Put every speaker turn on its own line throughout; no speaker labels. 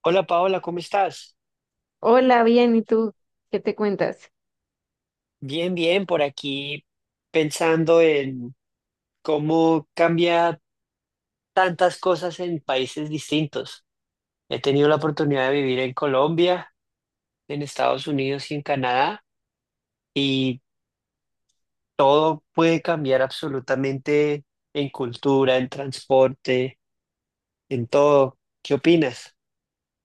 Hola Paola, ¿cómo estás?
Hola, bien, ¿y tú qué te cuentas?
Bien, bien, por aquí pensando en cómo cambia tantas cosas en países distintos. He tenido la oportunidad de vivir en Colombia, en Estados Unidos y en Canadá, y todo puede cambiar absolutamente en cultura, en transporte, en todo. ¿Qué opinas?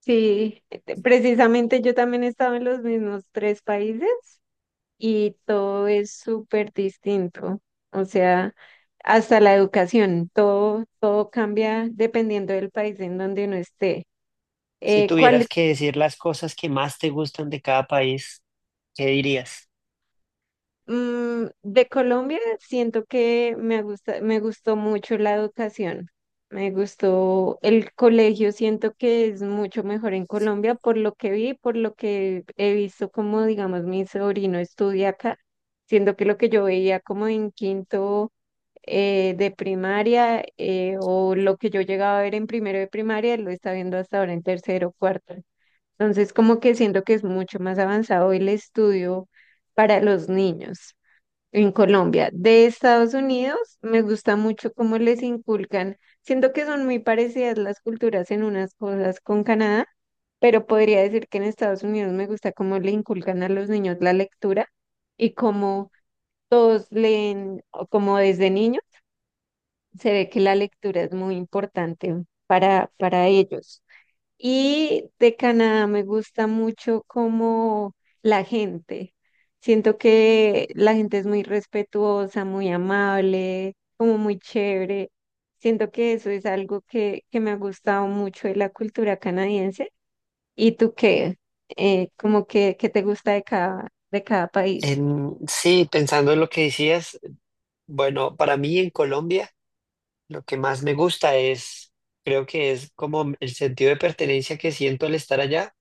Sí, precisamente yo también he estado en los mismos tres países y todo es súper distinto. O sea, hasta la educación, todo cambia dependiendo del país en donde uno esté.
Si
Eh, ¿cuál,
tuvieras que decir las cosas que más te gustan de cada país, ¿qué dirías?
Mm, de Colombia siento que me gustó mucho la educación. Me gustó el colegio, siento que es mucho mejor en Colombia por lo que vi, por lo que he visto, como, digamos, mi sobrino estudia acá. Siento que lo que yo veía como en quinto de primaria, o lo que yo llegaba a ver en primero de primaria, lo está viendo hasta ahora en tercero, cuarto. Entonces, como que siento que es mucho más avanzado el estudio para los niños en Colombia. De Estados Unidos, me gusta mucho cómo les inculcan. Siento que son muy parecidas las culturas en unas cosas con Canadá, pero podría decir que en Estados Unidos me gusta cómo le inculcan a los niños la lectura y cómo todos leen, o como desde niños, se ve que la lectura es muy importante para ellos. Y de Canadá me gusta mucho como la gente. Siento que la gente es muy respetuosa, muy amable, como muy chévere. Siento que eso es algo que me ha gustado mucho de la cultura canadiense. ¿Y tú qué? ¿Qué te gusta de cada país?
Sí, pensando en lo que decías. Bueno, para mí en Colombia lo que más me gusta es, creo que es como el sentido de pertenencia que siento al estar allá.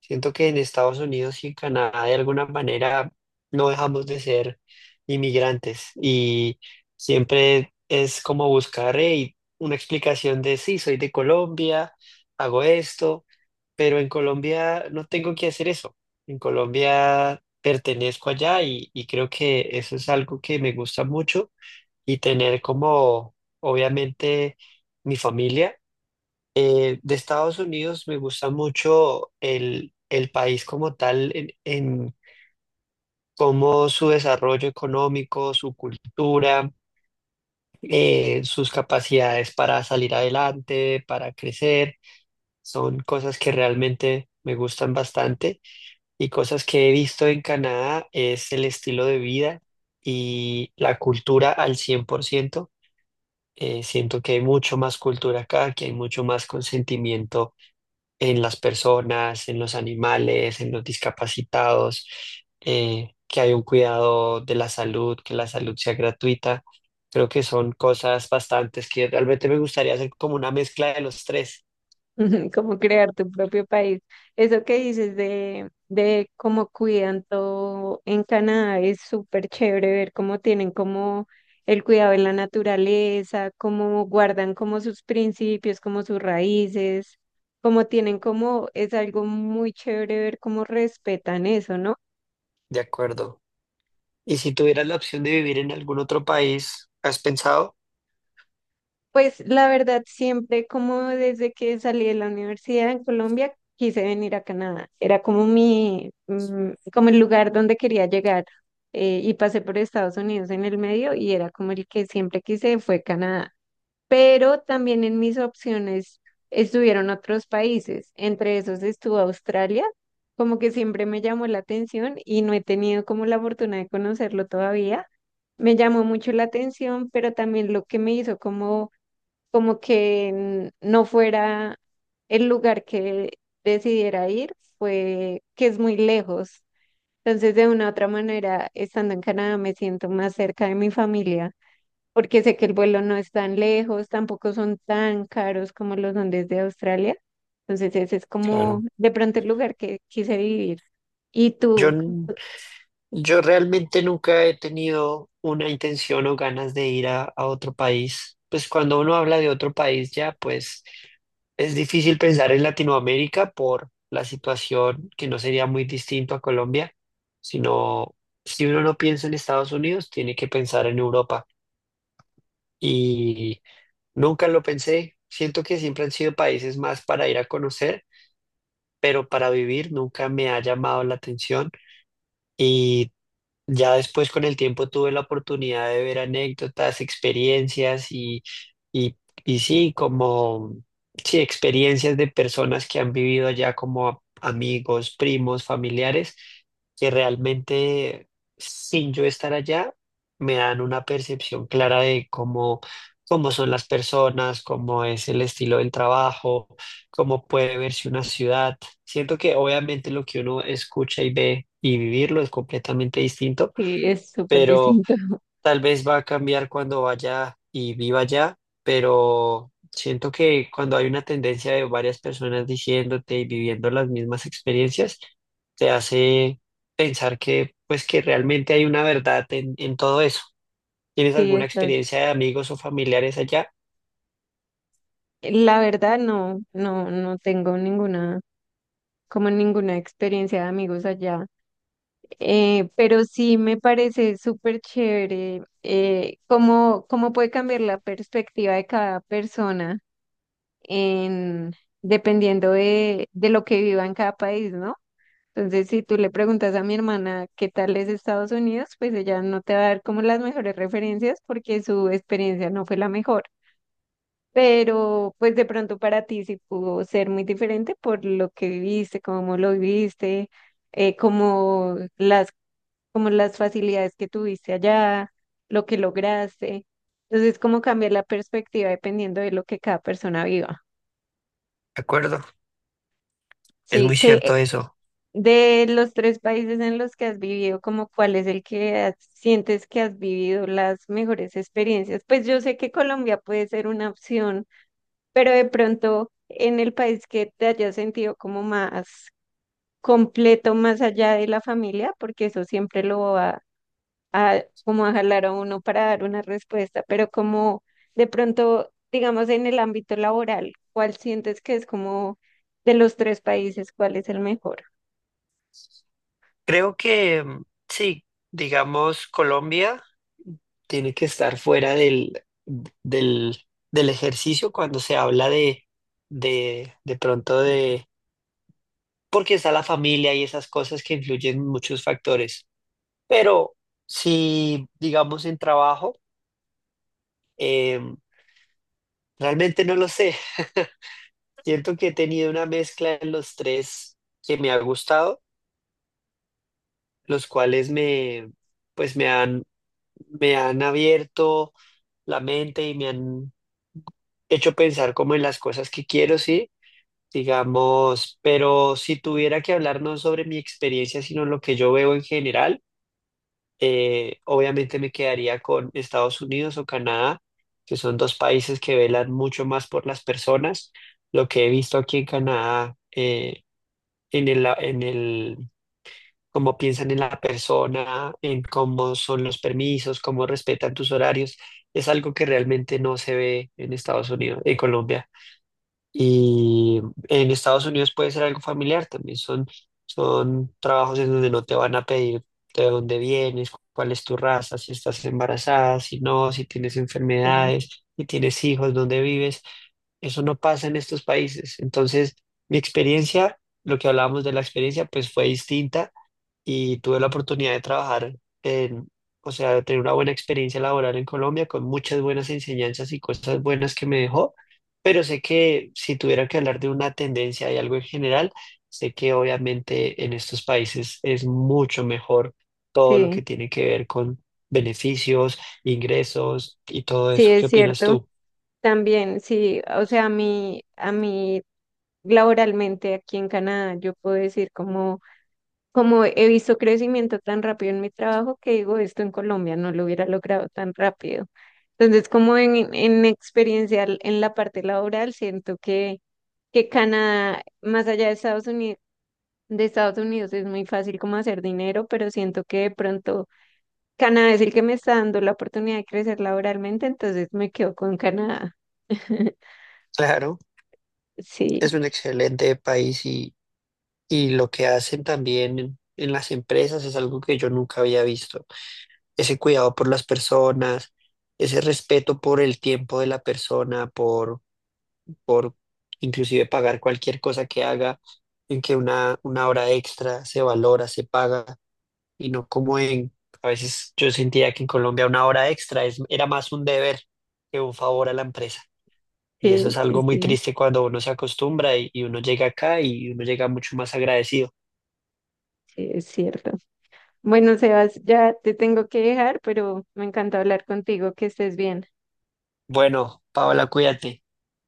Siento que en Estados Unidos y en Canadá de alguna manera no dejamos de ser inmigrantes y siempre es como buscar una explicación de sí, soy de Colombia, hago esto, pero en Colombia no tengo que hacer eso. En Colombia pertenezco allá y creo que eso es algo que me gusta mucho y tener como, obviamente, mi familia. De Estados Unidos me gusta mucho el país como tal, en cómo su desarrollo económico, su cultura, sus capacidades para salir adelante, para crecer, son cosas que realmente me gustan bastante y cosas que he visto en Canadá es el estilo de vida. Y la cultura al cien por ciento, siento que hay mucho más cultura acá, que hay mucho más consentimiento en las personas, en los animales, en los discapacitados, que hay un cuidado de la salud, que la salud sea gratuita. Creo que son cosas bastantes que realmente me gustaría hacer como una mezcla de los tres,
Ujú. Como crear tu propio país. Eso que dices de cómo cuidan todo en Canadá es súper chévere, ver cómo tienen como el cuidado de la naturaleza, cómo guardan como sus principios, como sus raíces, cómo tienen como, es algo muy chévere ver cómo respetan eso, ¿no?
¿de acuerdo? Y si tuvieras la opción de vivir en algún otro país, ¿has pensado?
Pues la verdad, siempre, como desde que salí de la universidad en Colombia, quise venir a Canadá. Era como mi, como el lugar donde quería llegar. Y pasé por Estados Unidos en el medio y era como el que siempre quise, fue Canadá. Pero también en mis opciones estuvieron otros países. Entre esos estuvo Australia, como que siempre me llamó la atención y no he tenido como la fortuna de conocerlo todavía. Me llamó mucho la atención, pero también lo que me hizo como no fuera el lugar que decidiera ir, fue que es muy lejos. Entonces, de una u otra manera, estando en Canadá, me siento más cerca de mi familia, porque sé que el vuelo no es tan lejos, tampoco son tan caros como los son desde Australia. Entonces, ese es como
Claro.
de pronto el lugar que quise vivir. Y
Yo
tú,
Yo realmente nunca he tenido una intención o ganas de ir a otro país. Pues cuando uno habla de otro país ya, pues es difícil pensar en Latinoamérica por la situación que no sería muy distinto a Colombia, sino si uno no piensa en Estados Unidos, tiene que pensar en Europa. Y nunca lo pensé. Siento que siempre han sido países más para ir a conocer, pero para vivir nunca me ha llamado la atención. Y ya después con el tiempo tuve la oportunidad de ver anécdotas, experiencias y, y, y sí, como sí, experiencias de personas que han vivido allá como amigos, primos, familiares, que realmente sin yo estar allá me dan una percepción clara de cómo, cómo son las personas, cómo es el estilo del trabajo, cómo puede verse una ciudad. Siento que obviamente lo que uno escucha y ve y vivirlo es completamente distinto,
que es súper
pero
distinto.
tal vez va a cambiar cuando vaya y viva allá, pero siento que cuando hay una tendencia de varias personas diciéndote y viviendo las mismas experiencias, te hace pensar que pues que realmente hay una verdad en todo eso. ¿Tienes
Sí,
alguna
estás.
experiencia de amigos o familiares allá?
La verdad, no tengo ninguna, como ninguna experiencia de amigos allá. Pero sí me parece súper chévere, cómo puede cambiar la perspectiva de cada persona en, dependiendo de lo que viva en cada país, ¿no? Entonces, si tú le preguntas a mi hermana qué tal es Estados Unidos, pues ella no te va a dar como las mejores referencias porque su experiencia no fue la mejor. Pero pues de pronto para ti sí pudo ser muy diferente por lo que viviste, cómo lo viviste, eh, como las como las facilidades que tuviste allá, lo que lograste. Entonces, como cambiar la perspectiva dependiendo de lo que cada persona viva.
De acuerdo, es muy
Sí, que
cierto eso.
de los tres países en los que has vivido, como cuál es el que sientes que has vivido las mejores experiencias. Pues yo sé que Colombia puede ser una opción, pero de pronto en el país que te hayas sentido como más completo, más allá de la familia, porque eso siempre lo va a como a jalar a uno para dar una respuesta, pero como de pronto, digamos, en el ámbito laboral, ¿cuál sientes que es como de los tres países, cuál es el mejor?
Creo que sí, digamos Colombia tiene que estar fuera del, del ejercicio cuando se habla de pronto, porque está la familia y esas cosas que influyen muchos factores. Pero si, digamos, en trabajo, eh, realmente no lo sé. Siento que he tenido una mezcla en los tres que me ha gustado, los cuales me, pues me han abierto la mente y me han hecho pensar como en las cosas que quiero, sí, digamos, pero si tuviera que hablar no sobre mi experiencia, sino lo que yo veo en general, obviamente me quedaría con Estados Unidos o Canadá, que son dos países que velan mucho más por las personas. Lo que he visto aquí en Canadá, en el cómo piensan en la persona, en cómo son los permisos, cómo respetan tus horarios, es algo que realmente no se ve en Estados Unidos, en Colombia. Y en Estados Unidos puede ser algo familiar también. Son trabajos en donde no te van a pedir de dónde vienes, cuál es tu raza, si estás embarazada, si no, si tienes
Sí,
enfermedades, si tienes hijos, dónde vives. Eso no pasa en estos países. Entonces, mi experiencia, lo que hablábamos de la experiencia, pues fue distinta y tuve la oportunidad de trabajar en, o sea, de tener una buena experiencia laboral en Colombia con muchas buenas enseñanzas y cosas buenas que me dejó, pero sé que si tuviera que hablar de una tendencia y algo en general, sé que obviamente en estos países es mucho mejor todo lo que
sí,
tiene que ver con beneficios, ingresos y todo
sí,
eso. ¿Qué
es
opinas
cierto.
tú?
También, sí, o sea, a mí laboralmente aquí en Canadá, yo puedo decir como... como he visto crecimiento tan rápido en mi trabajo que digo, esto en Colombia no lo hubiera logrado tan rápido. Entonces, como en experiencia en la parte laboral, que Canadá, más allá de Estados Unidos es muy fácil como hacer dinero, pero siento que de pronto Canadá es el que me está dando la oportunidad de crecer laboralmente, entonces me quedo con Canadá.
Claro, es
Sí,
un excelente país y lo que hacen también en las empresas es algo que yo nunca había visto. Ese cuidado por las personas, ese respeto por el tiempo de la persona, por inclusive pagar cualquier cosa que haga, en que una hora extra se valora, se paga, y no como en, a veces yo sentía que en Colombia una hora extra es, era más un deber que un favor a la empresa. Y eso es
sí, sí,
algo muy
sí,
triste cuando uno se acostumbra y uno llega acá y uno llega mucho más agradecido.
sí, es cierto. Bueno, Sebas, ya te tengo que dejar, pero me encanta hablar contigo, que estés bien.
Bueno, Paola, cuídate.